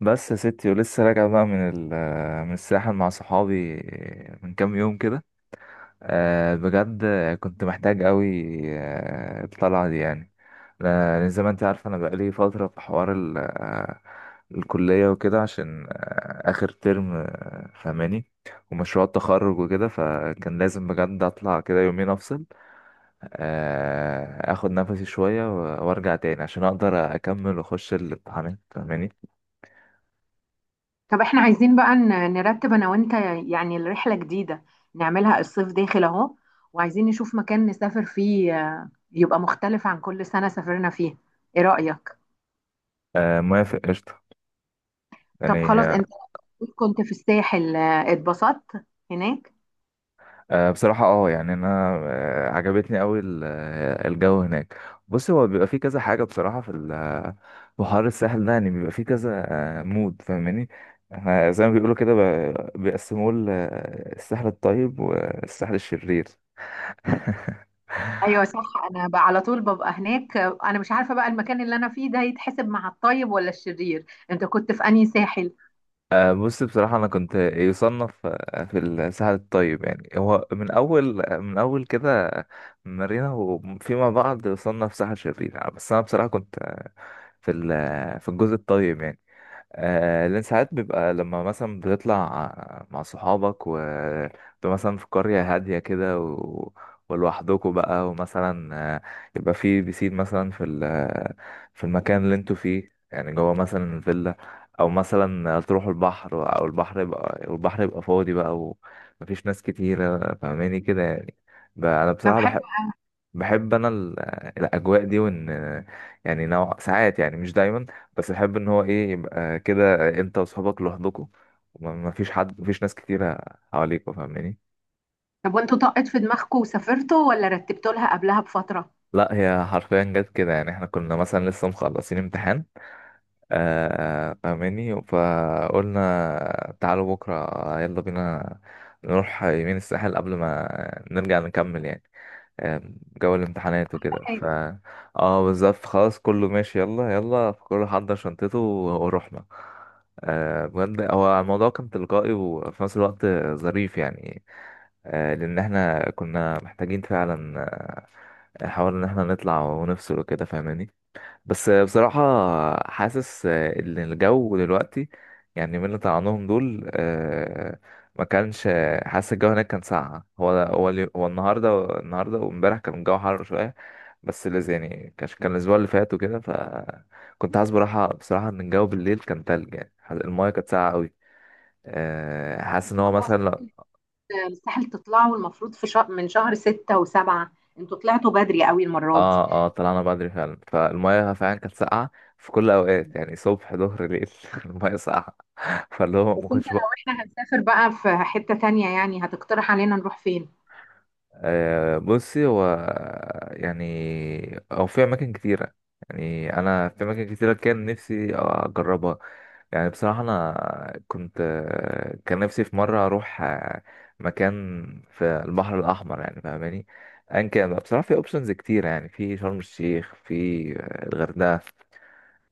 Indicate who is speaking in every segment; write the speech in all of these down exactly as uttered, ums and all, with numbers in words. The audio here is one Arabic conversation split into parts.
Speaker 1: بس يا ستي ولسه راجع بقى من ال من الساحل مع صحابي من كام يوم كده. آه، بجد كنت محتاج قوي. آه، الطلعة دي يعني، لأن زي ما انت عارفة انا بقالي فترة في حوار ال آه، الكلية وكده، عشان آه، آخر ترم آه، فهماني، ومشروع التخرج وكده، فكان لازم بجد اطلع كده يومين افصل، آه، اخد نفسي شوية و- وارجع تاني عشان اقدر اكمل واخش الامتحانات فهماني.
Speaker 2: طب احنا عايزين بقى ن- نرتب انا وانت. يعني الرحلة جديدة نعملها الصيف داخل اهو، وعايزين نشوف مكان نسافر فيه آه، يبقى مختلف عن كل سنة سافرنا فيه. ايه رأيك؟
Speaker 1: آه، موافق، قشطة
Speaker 2: طب خلاص
Speaker 1: يعني.
Speaker 2: انت كنت في الساحل آه، اتبسطت هناك؟
Speaker 1: آه، بصراحة اه يعني انا آه، عجبتني قوي الجو هناك. بص، هو بيبقى فيه كذا حاجة بصراحة في ال- في حوار الساحل ده، يعني بيبقى فيه كذا آه، مود، فاهماني. احنا زي ما بيقولوا كده ب- بيقسموه ل- الساحل الطيب والساحل الشرير.
Speaker 2: ايوه صح. انا بقى على طول ببقى هناك، آه، انا مش عارفة بقى المكان اللي انا فيه ده يتحسب مع الطيب ولا الشرير. انت كنت في انهي ساحل؟
Speaker 1: آه، بص بصراحة أنا كنت يصنف آه، في الساحل الطيب، يعني هو من أول من أول كده مارينا، وفيما بعد يصنف ساحل شرير، بس أنا بصراحة كنت آه، في ال- في الجزء الطيب يعني. آه، لأن ساعات بيبقى لما مثلا بتطلع مع صحابك، و بتبقى مثلا في قرية هادية كده و... ولوحدكوا بقى، ومثلا آه، يبقى في بيسين مثلا في ال... في المكان اللي انتوا فيه يعني، جوه مثلا الفيلا، أو مثلا تروحوا البحر، أو البحر يبقى والبحر يبقى فاضي بقى، ومفيش ناس كتيرة، فاهماني كده يعني. ب- أنا
Speaker 2: طب
Speaker 1: بصراحة
Speaker 2: حلو.
Speaker 1: بحب، بحب انا ال- الاجواء دي، وان يعني نوع، ساعات يعني مش دايما، بس بحب ان هو ايه، يبقى كده انت واصحابك لوحدكم، وما فيش حد، مفيش ناس كتيره حواليك، فاهماني.
Speaker 2: طب وانتوا طقت في دماغكم وسافرتوا ولا رتبتوا لها قبلها بفترة؟
Speaker 1: لا، هي حرفيا جت كده، يعني احنا كنا مثلا لسه مخلصين امتحان، آه فاهماني، فقلنا تعالوا بكره يلا بينا نروح يمين الساحل قبل ما نرجع نكمل يعني، آم، جو الامتحانات وكده، ف
Speaker 2: حلو.
Speaker 1: اه بالظبط، خلاص كله ماشي، يلا يلا كله حضر شنطته ورحنا. آه، بجد هو الموضوع كان تلقائي وفي نفس الوقت ظريف يعني. آه، لأن احنا كنا محتاجين فعلا نحاول إن احنا نطلع ونفصل وكده، فاهماني. بس بصراحة حاسس إن الجو دلوقتي، يعني من اللي طلعناهم دول، آه، ما كانش حاسس الجو هناك كان ساقع، هو هو اليو- هو النهاردة، النهاردة وامبارح كان الجو حر شوية، بس اللي زي- يعني كانش- كان الأسبوع اللي فات وكده، فكنت حاسس براحة بصراحة إن الجو بالليل كان تلج يعني، حاسس- المايه كانت ساقعة أوي. آه، حاسس إن هو مثلا لو-
Speaker 2: مستحيل تطلعوا، المفروض في شهر، من شهر ستة وسبعة. انتوا طلعتوا بدري قوي المرة دي.
Speaker 1: اه اه طلعنا بدري فعلا، فالمايه فعلا كانت ساقعة في كل الأوقات، يعني صبح ظهر ليل المايه ساقعة، فاللي هو
Speaker 2: بس
Speaker 1: ما
Speaker 2: انت
Speaker 1: كنتش.
Speaker 2: لو احنا هنسافر بقى في حتة تانية، يعني هتقترح علينا نروح فين؟
Speaker 1: آه، بصي هو يعني، او في اماكن كتيره يعني، انا في اماكن كتيره كان نفسي اجربها، يعني بصراحه انا كنت آه، كان نفسي في مره اروح آه، مكان في البحر الاحمر يعني، فاهماني، ان كان بقى. بصراحه في اوبشنز كتيره، يعني في شرم الشيخ، في آه، الغردقه،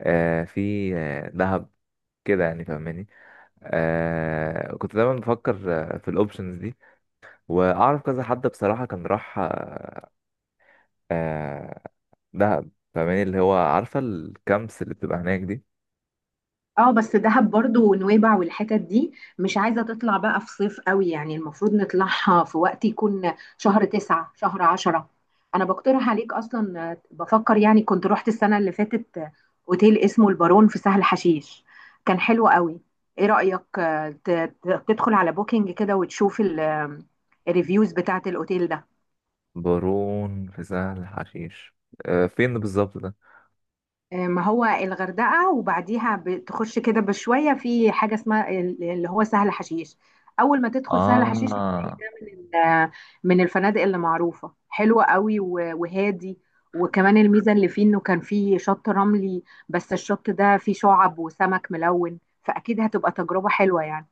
Speaker 1: آه، في آه، دهب كده يعني، فاهماني. آه كنت دايما بفكر آه، في الاوبشنز دي، واعرف كذا حد بصراحه كان راح آه دهب، فاهماني، اللي هو عارفة الكامبس اللي بتبقى هناك دي.
Speaker 2: اه بس دهب برضو ونويبع والحتت دي مش عايزة تطلع بقى في صيف قوي، يعني المفروض نطلعها في وقت يكون شهر تسعة شهر عشرة. انا بقترح عليك اصلا، آه، بفكر، يعني كنت رحت السنة اللي فاتت، آه، اوتيل اسمه البارون في سهل حشيش. كان حلو قوي. ايه رأيك آه، ت- ت- تدخل على بوكينج كده وتشوف ال- آه، الريفيوز بتاعت الاوتيل ده.
Speaker 1: بارون في سهل حشيش، آه فين بالظبط ده؟
Speaker 2: آه، ما هو الغردقة وبعديها بتخش كده بشوية في حاجة اسمها ال- اللي هو سهل حشيش. أول ما تدخل سهل حشيش بتلاقي
Speaker 1: اه،
Speaker 2: ده من ال- من الفنادق اللي معروفة حلوة قوي و- وهادي. وكمان الميزة اللي فيه إنه كان فيه شط رملي، بس الشط ده فيه شعب وسمك ملون، فأكيد هتبقى تجربة حلوة يعني.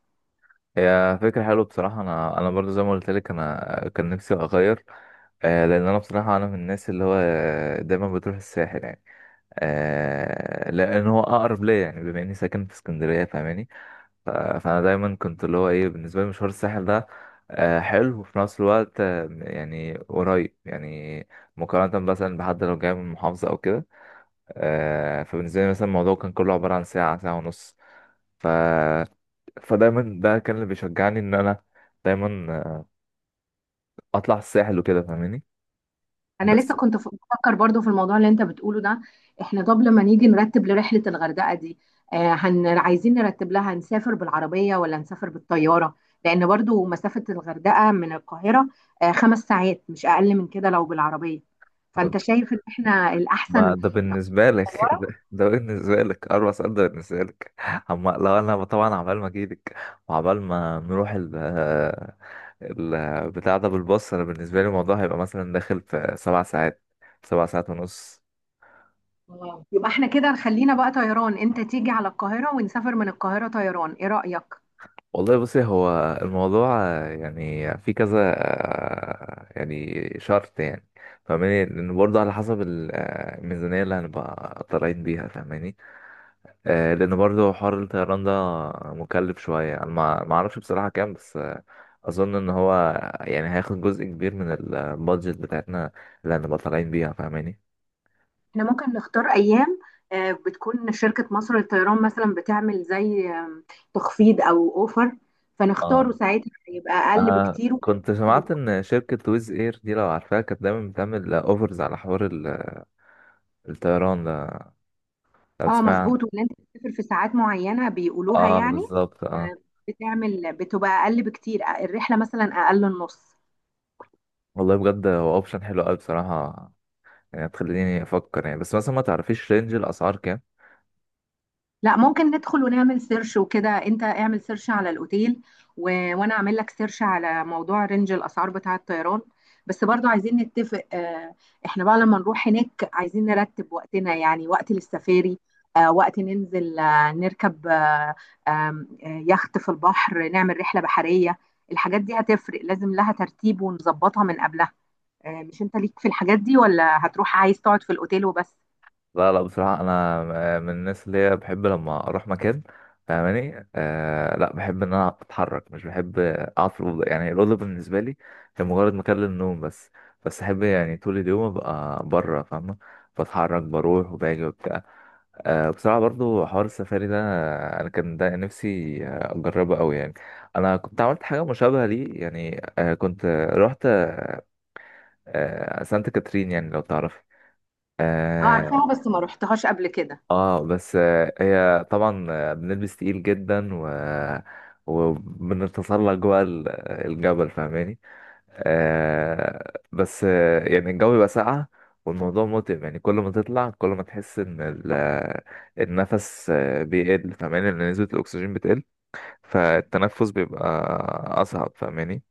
Speaker 1: هي فكرة حلوة بصراحة، انا انا برضو زي ما قلت لك انا كان نفسي اغير، آه لان انا بصراحة انا من الناس اللي هو دايما بتروح الساحل يعني، آه لان هو اقرب ليا يعني بما اني ساكن في اسكندرية، فاهماني. ف- فانا دايما كنت اللي هو ايه، بالنسبه لي مشوار الساحل ده آه، حلو وفي نفس الوقت آه، يعني قريب يعني، مقارنه مثلا بحد لو جاي من محافظه او كده. آه، فبالنسبه لي مثلا الموضوع كان كله عباره عن ساعه، ساعه ونص. ف فدايما ده كان اللي بيشجعني ان انا دايما آه، اطلع الساحل وكده، فاهماني.
Speaker 2: انا لسه
Speaker 1: بس
Speaker 2: كنت ف- بفكر برضو في الموضوع اللي انت بتقوله ده. احنا طب لما نيجي نرتب لرحلة الغردقة دي، آه، هن عايزين نرتب لها نسافر بالعربية ولا نسافر بالطيارة؟ لان برضو مسافة الغردقة من القاهرة آه خمس ساعات، مش اقل من كده لو بالعربية. فانت شايف ان احنا
Speaker 1: ما
Speaker 2: الاحسن
Speaker 1: ده بالنسبه لك
Speaker 2: طيارة.
Speaker 1: ده, ده بالنسبه لك اربع ساعات، ده بالنسبه لك. اما لو انا طبعا عبال ما اجيلك، وعبال ما نروح ال البتاع ده بالباص، انا بالنسبه لي الموضوع هيبقى مثلا داخل في سبع ساعات، سبع ساعات ونص.
Speaker 2: آه. يبقى احنا كده خلينا بقى طيران، انت تيجي على القاهرة ونسافر من القاهرة طيران. ايه رأيك؟
Speaker 1: والله بصي، هو الموضوع آه، يعني في كذا آه، يعني شرط يعني، فاهماني، لان برضه على حسب ال- آه، الميزانيه اللي هنبقى طالعين بيها، فاهماني. آه، لان برضه حوار الطيران ده مكلف شويه، انا ما ما اعرفش بصراحه كام، بس آه، اظن ان هو يعني هياخد جزء كبير من البادجت بتاعتنا اللي هنبقى طالعين بيها، فاهماني.
Speaker 2: احنا ممكن نختار ايام آه، بتكون شركة مصر للطيران مثلا بتعمل زي آم، تخفيض او اوفر، فنختاره ساعتها هيبقى اقل
Speaker 1: انا
Speaker 2: بكتير.
Speaker 1: كنت سمعت ان شركة ويز اير دي لو عارفاها كانت دايما بتعمل اوفرز على حوار ال- الطيران ده، لو
Speaker 2: اه
Speaker 1: تسمع عنه.
Speaker 2: مظبوط، وان انت بتسافر في ساعات معينة بيقولوها
Speaker 1: اه
Speaker 2: يعني.
Speaker 1: بالظبط
Speaker 2: آه،
Speaker 1: اه.
Speaker 2: بتعمل بتبقى اقل بكتير الرحلة، مثلا اقل النص.
Speaker 1: والله بجد هو اوبشن حلو قوي بصراحة، يعني تخليني افكر يعني، بس مثلا ما تعرفيش رينج الاسعار.
Speaker 2: لا، ممكن ندخل ونعمل سيرش وكده. انت اعمل سيرش على الاوتيل و... وانا اعمل لك سيرش على موضوع رينج الاسعار بتاع الطيران. بس برضو عايزين نتفق اه. احنا بقى لما نروح هناك عايزين نرتب وقتنا، يعني وقت للسفاري، اه وقت ننزل اه نركب اه، آم، آه، يخت في البحر نعمل رحلة بحرية. الحاجات دي هتفرق، لازم لها ترتيب ونظبطها من قبلها. اه، مش انت ليك في الحاجات دي، ولا هتروح عايز تقعد في الاوتيل وبس؟
Speaker 1: لا لا، بصراحة أنا آه، من الناس اللي هي بحب لما أروح مكان، فاهماني. آه لا، بحب إن أنا أتحرك، مش بحب أقعد في الأوضة، يعني الأوضة بالنسبة لي هي مجرد مكان للنوم بس، بس أحب يعني طول اليوم أبقى بره، فاهمة، بتحرك بروح وباجي وبتاع. آه بصراحة برضو حوار السفاري ده أنا كان ده نفسي آه، أجربه أوي يعني. أنا كنت عملت حاجة مشابهة ليه يعني، آه كنت رحت آه سانت كاترين يعني لو تعرفي.
Speaker 2: اه
Speaker 1: آه،
Speaker 2: عارفاها، بس ما روحتهاش قبل كده.
Speaker 1: اه بس آه، هي طبعا آه، بنلبس تقيل جدا، و وبنتسلق جوه ال- الجبل، فاهماني. آه بس آه، يعني الجو بيبقى ساقع، والموضوع متعب يعني، كل ما تطلع كل ما تحس ان ال- آه، النفس آه، بيقل، فاهماني، لان نسبة الاكسجين بتقل، فالتنفس بيبقى اصعب، فاهماني.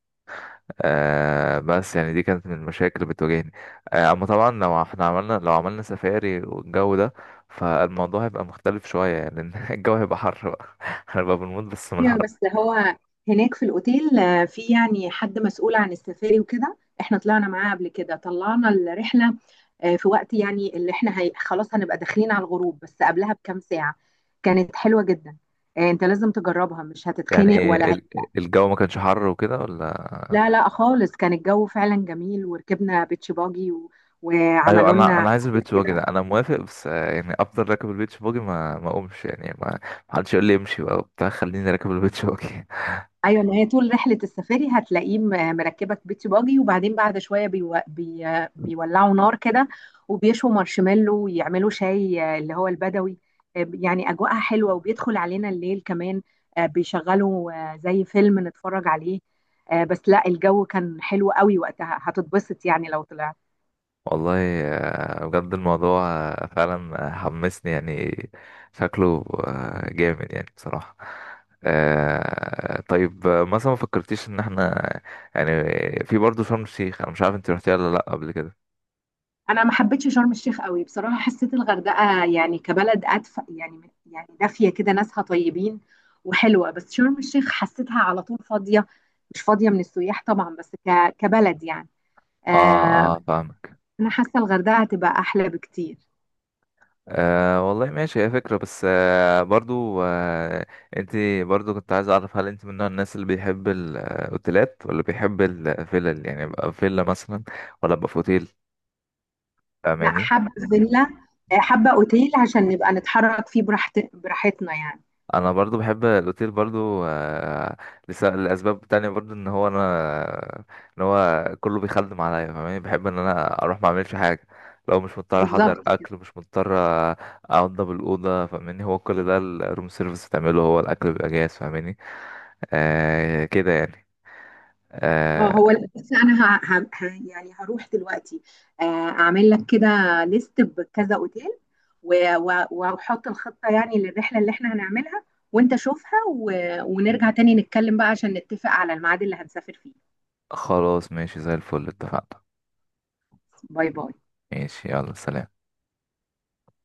Speaker 1: آه بس يعني دي كانت من المشاكل اللي بتواجهني. آه اما طبعا لو احنا عملنا، لو عملنا سفاري والجو ده، فالموضوع هيبقى مختلف شوية يعني، لأن الجو هيبقى حر بقى هنبقى بنموت بس من
Speaker 2: ايوه،
Speaker 1: الحر.
Speaker 2: بس هو هناك في الاوتيل آه، في يعني حد مسؤول عن السفاري وكده، احنا طلعنا معاه قبل كده، طلعنا الرحله آه، في وقت يعني اللي احنا هي... خلاص هنبقى داخلين على الغروب بس قبلها بكام ساعه. كانت حلوه جدا. آه، انت لازم تجربها، مش هتتخنق
Speaker 1: يعني
Speaker 2: ولا هي...
Speaker 1: ال- الجو ما كانش حر وكده ولا؟
Speaker 2: لا لا خالص، كان الجو فعلا جميل، وركبنا بيتش باجي و...
Speaker 1: ايوه،
Speaker 2: وعملوا
Speaker 1: انا
Speaker 2: لنا.
Speaker 1: انا عايز البيتش باجي ده، انا موافق، بس آه، يعني افضل راكب البيتش باجي، ما ما اقومش يعني، ما ما حدش يقول لي امشي بقى وبتاع، خليني راكب البيتش باجي.
Speaker 2: ايوه، ما هي طول رحله السفاري هتلاقيه م- مركبك بيتي باجي، وبعدين بعد شويه بيو... بي... بيولعوا نار كده، وبيشوا مارشميلو ويعملوا شاي آه، اللي هو البدوي. آه، يعني اجواءها حلوه، وبيدخل علينا الليل كمان، آه، بيشغلوا آه، زي فيلم نتفرج عليه. آه، بس لا، الجو كان حلو قوي وقتها، هتتبسط يعني لو طلعت.
Speaker 1: والله آه، بجد الموضوع آه، فعلا حمسني يعني، شكله آه، جامد يعني بصراحة. آه، طيب آه، مثلا ما فكرتيش ان احنا يعني في برضه شرم الشيخ؟ انا مش عارف انت رحتيها ولا لا قبل كده.
Speaker 2: انا ما حبيتش شرم الشيخ قوي بصراحه، حسيت الغردقه يعني كبلد ادفى، يعني يعني دافيه كده، ناسها طيبين وحلوه. بس شرم الشيخ حسيتها على طول فاضيه، مش فاضيه من السياح طبعا، بس ك... كبلد يعني.
Speaker 1: اه
Speaker 2: آه.
Speaker 1: اه، فاهمك.
Speaker 2: انا حاسه الغردقه هتبقى احلى بكتير.
Speaker 1: آه والله ماشي، هي فكرة، بس آه برضو آه انت برضو كنت عايز اعرف، هل انت من نوع الناس اللي بيحب الاوتيلات ولا بيحب الفيلل؟ يعني يبقى فيلا مثلا، ولا يبقى في اوتيل،
Speaker 2: لا
Speaker 1: فاهماني.
Speaker 2: حابه فيلا. آه، حابه اوتيل عشان نبقى نتحرك فيه براحت... براحتنا يعني.
Speaker 1: انا برضو بحب الاوتيل برضو آه، لس- لاسباب تانية، برضو ان هو انا، ان هو كله بيخدم عليا، فاهماني، بحب ان انا اروح ما اعملش حاجه، لو مش مضطر احضر
Speaker 2: بالظبط كده.
Speaker 1: اكل، مش مضطر انضف الاوضه، فاهماني، هو كل ده الروم سيرفيس بتعمله، هو الاكل بيبقى جاهز، فاهماني، آه كده يعني.
Speaker 2: اه هو
Speaker 1: آه
Speaker 2: ال- بس انا ه... ه... ه... يعني هروح دلوقتي، آه، اعمل لك كده ليست بكذا اوتيل، و... و... واحط الخطة يعني للرحلة اللي احنا هنعملها، وانت شوفها و... ونرجع تاني نتكلم بقى عشان نتفق على الميعاد اللي هنسافر فيه.
Speaker 1: خلاص ماشي، زي الفل، اتفقنا.
Speaker 2: باي باي.
Speaker 1: ماشي يلا، سلام.